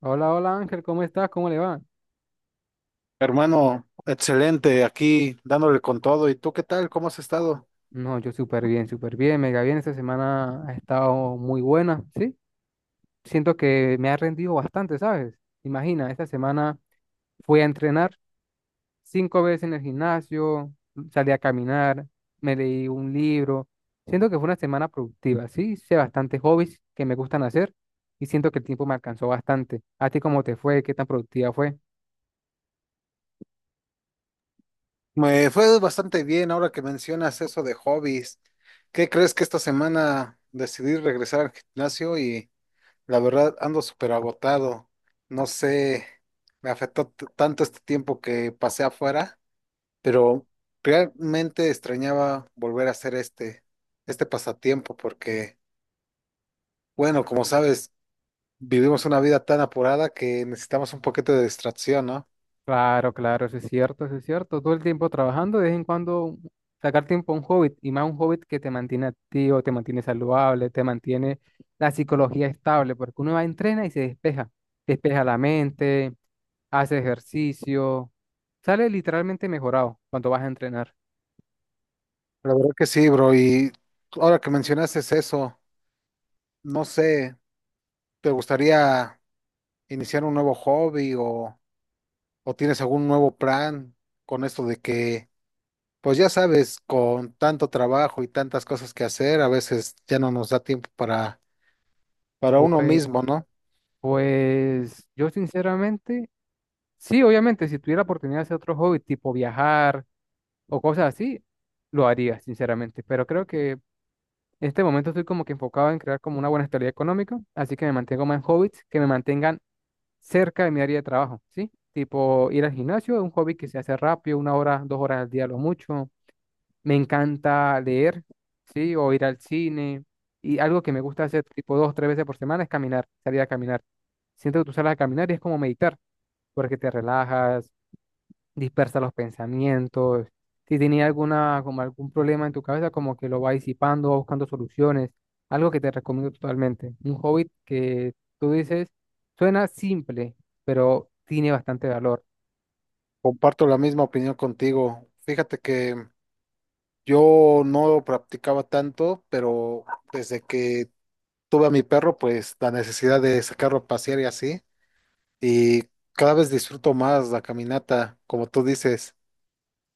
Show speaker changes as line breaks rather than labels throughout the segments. Hola, hola Ángel, ¿cómo estás? ¿Cómo le va?
Hermano, excelente, aquí dándole con todo. ¿Y tú qué tal? ¿Cómo has estado?
No, yo súper bien, mega bien. Esta semana ha estado muy buena, ¿sí? Siento que me ha rendido bastante, ¿sabes? Imagina, esta semana fui a entrenar 5 veces en el gimnasio, salí a caminar, me leí un libro. Siento que fue una semana productiva, ¿sí? Hice bastantes hobbies que me gustan hacer y siento que el tiempo me alcanzó bastante. ¿A ti cómo te fue? ¿Qué tan productiva fue?
Me fue bastante bien ahora que mencionas eso de hobbies. ¿Qué crees que esta semana decidí regresar al gimnasio y la verdad ando súper agotado? No sé, me afectó tanto este tiempo que pasé afuera. Pero realmente extrañaba volver a hacer este pasatiempo porque, bueno, como sabes, vivimos una vida tan apurada que necesitamos un poquito de distracción, ¿no?
Claro, claro, eso es cierto, eso es cierto. Todo el tiempo trabajando, de vez en cuando sacar tiempo a un hobby y más un hobby que te mantiene activo, te mantiene saludable, te mantiene la psicología estable, porque uno va, entrena y se despeja, despeja la mente, hace ejercicio, sale literalmente mejorado cuando vas a entrenar.
La verdad que sí, bro, y ahora que mencionaste eso, no sé, ¿te gustaría iniciar un nuevo hobby o tienes algún nuevo plan con esto de que, pues ya sabes, con tanto trabajo y tantas cosas que hacer, a veces ya no nos da tiempo para uno
Pues,
mismo, ¿no?
pues yo sinceramente, sí, obviamente, si tuviera la oportunidad de hacer otro hobby, tipo viajar o cosas así, lo haría, sinceramente, pero creo que en este momento estoy como que enfocado en crear como una buena estabilidad económica, así que me mantengo más en hobbies que me mantengan cerca de mi área de trabajo, ¿sí? Tipo ir al gimnasio, es un hobby que se hace rápido, una hora, 2 horas al día, lo mucho. Me encanta leer, ¿sí? O ir al cine. Y algo que me gusta hacer tipo dos, tres veces por semana es caminar, salir a caminar. Siento que tú sales a caminar y es como meditar, porque te relajas, dispersa los pensamientos. Si tenía alguna, como algún problema en tu cabeza, como que lo va disipando, va buscando soluciones. Algo que te recomiendo totalmente. Un hobby que tú dices, suena simple, pero tiene bastante valor.
Comparto la misma opinión contigo. Fíjate que yo no practicaba tanto, pero desde que tuve a mi perro, pues la necesidad de sacarlo a pasear y así, y cada vez disfruto más la caminata, como tú dices.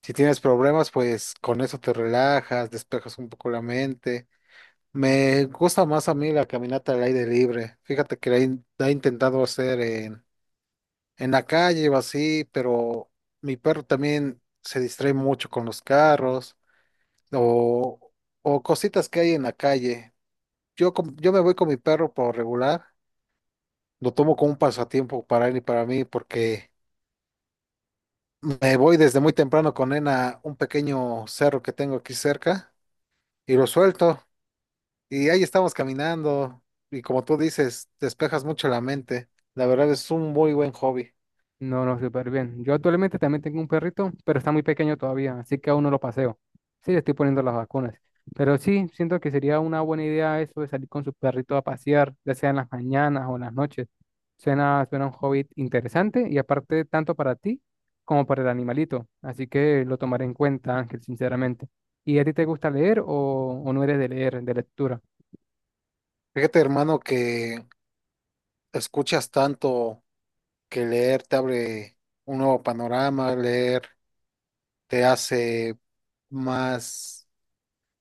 Si tienes problemas, pues con eso te relajas, despejas un poco la mente. Me gusta más a mí la caminata al aire libre. Fíjate que la he intentado hacer en la calle o así, pero mi perro también se distrae mucho con los carros o, o cositas que hay en la calle. Yo me voy con mi perro por regular, lo tomo como un pasatiempo para él y para mí porque me voy desde muy temprano con él a un pequeño cerro que tengo aquí cerca y lo suelto y ahí estamos caminando y, como tú dices, despejas mucho la mente. La verdad es un muy buen hobby.
No, no, súper bien. Yo actualmente también tengo un perrito, pero está muy pequeño todavía, así que aún no lo paseo. Sí, le estoy poniendo las vacunas. Pero sí, siento que sería una buena idea eso de salir con su perrito a pasear, ya sea en las mañanas o en las noches. Suena, suena un hobby interesante y aparte tanto para ti como para el animalito. Así que lo tomaré en cuenta, Ángel, sinceramente. ¿Y a ti te gusta leer o no eres de leer, de lectura?
Fíjate, hermano, que escuchas tanto, que leer te abre un nuevo panorama, leer te hace más,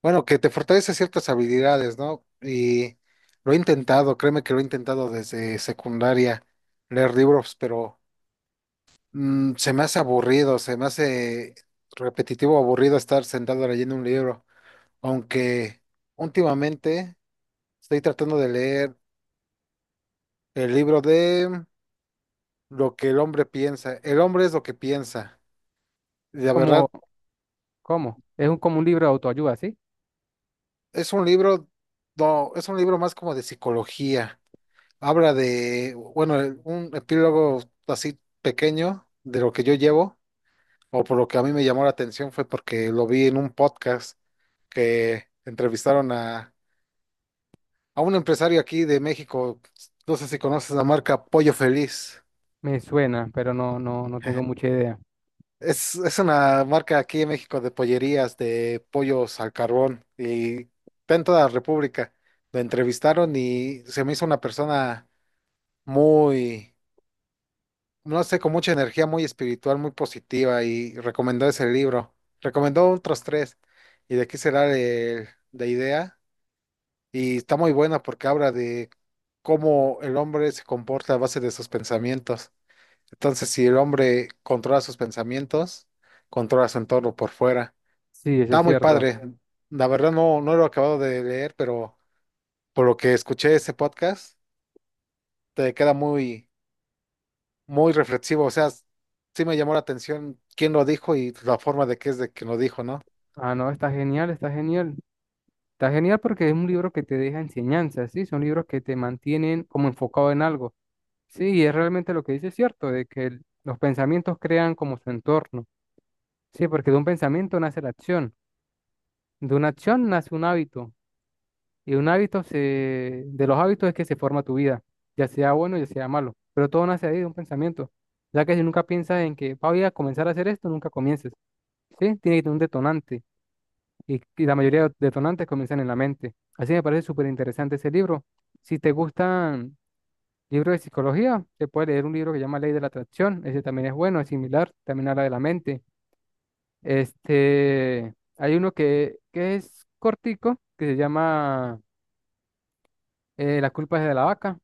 bueno, que te fortalece ciertas habilidades, ¿no? Y lo he intentado, créeme que lo he intentado desde secundaria, leer libros, pero se me hace aburrido, se me hace repetitivo, aburrido estar sentado leyendo un libro, aunque últimamente estoy tratando de leer el libro de Lo que el hombre piensa. El hombre es lo que piensa. La
¿Cómo,
verdad,
cómo? Es un, como un libro de autoayuda, ¿sí?
Es un libro, no, es un libro más como de psicología. Habla de, bueno, un epílogo así pequeño de lo que yo llevo, o por lo que a mí me llamó la atención fue porque lo vi en un podcast que entrevistaron a un empresario aquí de México. No sé si conoces la marca Pollo Feliz.
Me suena, pero no, no, no tengo
Ajá.
mucha idea.
Es una marca aquí en México de pollerías, de pollos al carbón, y está en toda la República. Lo entrevistaron y se me hizo una persona muy, no sé, con mucha energía, muy espiritual, muy positiva, y recomendó ese libro. Recomendó otros tres. ¿Y de qué será la idea? Y está muy buena porque habla de cómo el hombre se comporta a base de sus pensamientos. Entonces, si el hombre controla sus pensamientos, controla su entorno por fuera.
Sí, eso es
Está muy
cierto.
padre. La verdad no, no lo he acabado de leer, pero por lo que escuché ese podcast, te queda muy, muy reflexivo. O sea, sí me llamó la atención quién lo dijo y la forma de que es de que lo dijo, ¿no?
Ah, no, está genial, está genial. Está genial porque es un libro que te deja enseñanzas, ¿sí? Son libros que te mantienen como enfocado en algo. Sí, y es realmente lo que dice es cierto, de que los pensamientos crean como su entorno. Sí, porque de un pensamiento nace la acción, de una acción nace un hábito, y un hábito se, de los hábitos es que se forma tu vida, ya sea bueno, ya sea malo, pero todo nace ahí de un pensamiento, ya que si nunca piensas en que "Ah, voy a comenzar a hacer esto", nunca comiences, ¿sí? Tiene que tener un detonante. Y la mayoría de detonantes comienzan en la mente. Así me parece súper interesante ese libro. Si te gustan libros de psicología, te puedes leer un libro que se llama Ley de la Atracción. Ese también es bueno, es similar, también habla de la mente. Este, hay uno que es cortico, que se llama La culpa es de la vaca.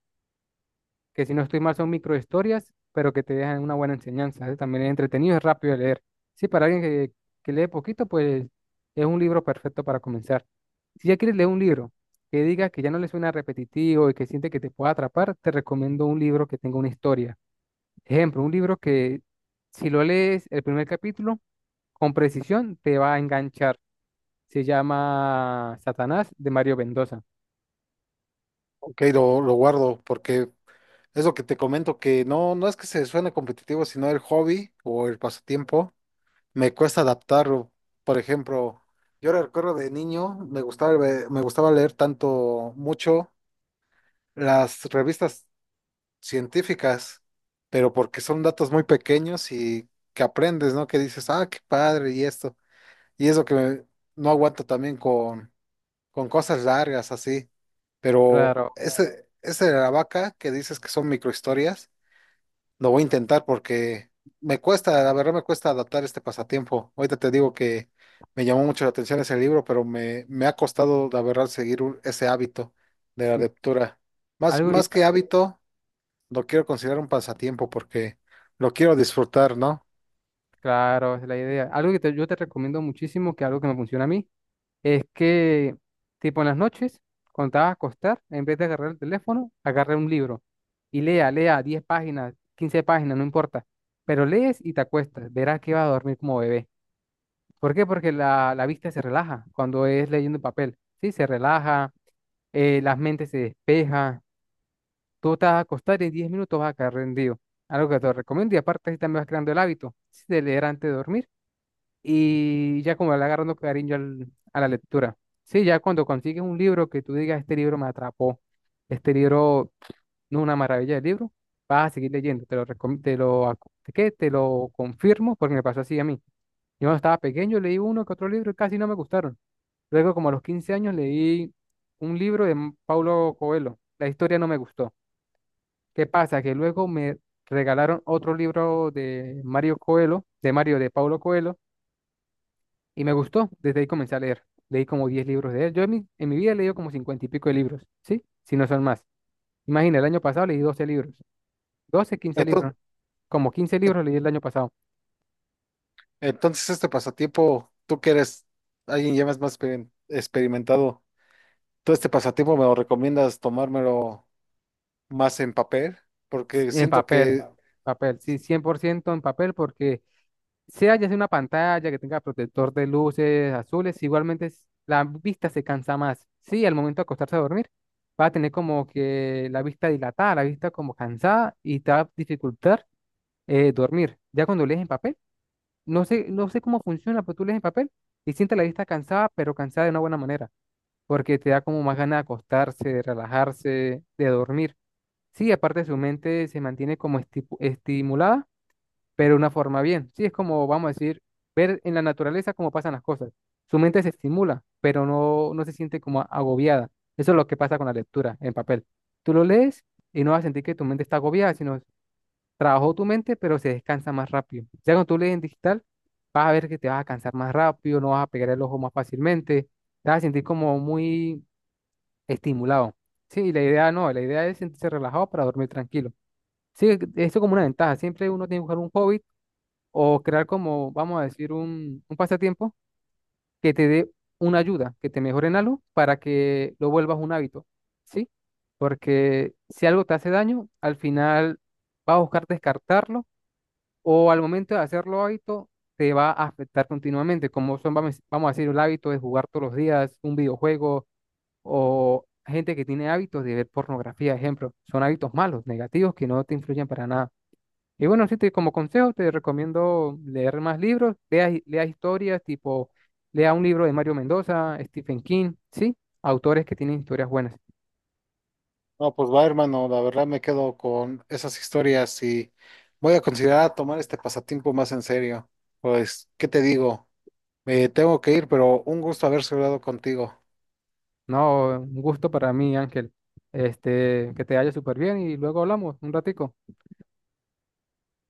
Que si no estoy mal son microhistorias, pero que te dejan una buena enseñanza, ¿eh? También es entretenido, es rápido de leer. Sí, para alguien que lee poquito, pues es un libro perfecto para comenzar. Si ya quieres leer un libro que diga que ya no le suena repetitivo y que siente que te pueda atrapar, te recomiendo un libro que tenga una historia. Ejemplo, un libro que si lo lees el primer capítulo, con precisión te va a enganchar. Se llama Satanás de Mario Mendoza.
Ok, lo guardo porque es lo que te comento, que no es que se suene competitivo, sino el hobby o el pasatiempo, me cuesta adaptarlo. Por ejemplo, yo recuerdo de niño, me gustaba leer tanto, mucho las revistas científicas, pero porque son datos muy pequeños y que aprendes, ¿no? Que dices, ah, qué padre y esto. Y eso que no aguanto también con cosas largas así. Pero
Claro,
ese de la vaca que dices que son microhistorias, lo voy a intentar porque me cuesta, la verdad me cuesta adaptar este pasatiempo. Ahorita te digo que me llamó mucho la atención ese libro, pero me ha costado, la verdad, seguir ese hábito de la
sí.
lectura. Más,
Algo,
más que hábito, lo quiero considerar un pasatiempo porque lo quiero disfrutar, ¿no?
claro, esa es la idea. Algo que yo te recomiendo muchísimo, que algo que me funciona a mí, es que, tipo, en las noches, cuando te vas a acostar, en vez de agarrar el teléfono, agarra un libro y lea, lea 10 páginas, 15 páginas, no importa. Pero lees y te acuestas, verás que vas a dormir como bebé. ¿Por qué? Porque la vista se relaja cuando es leyendo en papel, ¿sí? Se relaja, las mentes se despeja, tú te vas a acostar y en 10 minutos vas a caer rendido. Algo que te recomiendo y aparte así también vas creando el hábito, sí, de leer antes de dormir y ya como le agarrando cariño a la lectura. Sí, ya cuando consigues un libro que tú digas, este libro me atrapó, este libro no es una maravilla de libro, vas a seguir leyendo, te lo, recom- te lo, acu- ¿qué? Te lo confirmo porque me pasó así a mí. Yo cuando estaba pequeño leí uno que otro libro y casi no me gustaron. Luego como a los 15 años leí un libro de Paulo Coelho, la historia no me gustó. ¿Qué pasa? Que luego me regalaron otro libro de Mario Coelho, de Mario de Paulo Coelho, y me gustó, desde ahí comencé a leer. Leí como 10 libros de él. Yo en mi vida he leído como 50 y pico de libros, ¿sí? Si no son más. Imagina, el año pasado leí 12 libros. Doce quince
entonces
libros. Como 15 libros leí el año pasado.
Entonces, este pasatiempo, tú que eres alguien ya más experimentado, ¿tú este pasatiempo me lo recomiendas tomármelo más en papel? Porque
En
siento
papel.
que,
Papel, sí, 100% en papel porque sea ya sea una pantalla que tenga protector de luces azules, igualmente es- la vista se cansa más. Sí, al momento de acostarse a dormir, va a tener como que la vista dilatada, la vista como cansada y te va a dificultar dormir. Ya cuando lees en papel, no sé, no sé cómo funciona, pero tú lees el papel y sientes la vista cansada, pero cansada de una buena manera, porque te da como más ganas de acostarse, de relajarse, de dormir. Sí, aparte su mente se mantiene como estimulada, pero de una forma bien. Sí, es como, vamos a decir, ver en la naturaleza cómo pasan las cosas. Su mente se estimula, pero no, no se siente como agobiada. Eso es lo que pasa con la lectura en papel. Tú lo lees y no vas a sentir que tu mente está agobiada, sino trabajó tu mente, pero se descansa más rápido. Ya cuando tú lees en digital, vas a ver que te vas a cansar más rápido, no vas a pegar el ojo más fácilmente, te vas a sentir como muy estimulado. Sí, y la idea no, la idea es sentirse relajado para dormir tranquilo. Sí, esto es como una ventaja. Siempre uno tiene que buscar un hobby o crear como, vamos a decir, un pasatiempo que te dé una ayuda, que te mejore en algo para que lo vuelvas un hábito. ¿Sí? Porque si algo te hace daño, al final vas a buscar descartarlo o al momento de hacerlo hábito te va a afectar continuamente, como son, vamos a decir, el hábito de jugar todos los días un videojuego o gente que tiene hábitos de ver pornografía, ejemplo, son hábitos malos, negativos, que no te influyen para nada. Y bueno, sí, te, como consejo te recomiendo leer más libros, lea historias, tipo, lea un libro de Mario Mendoza, Stephen King, ¿sí? Autores que tienen historias buenas.
no, pues va, hermano, la verdad me quedo con esas historias y voy a considerar tomar este pasatiempo más en serio. Pues, ¿qué te digo? Me tengo que ir, pero un gusto haber hablado contigo.
No, un gusto para mí, Ángel. Este, que te vaya súper bien y luego hablamos un ratico.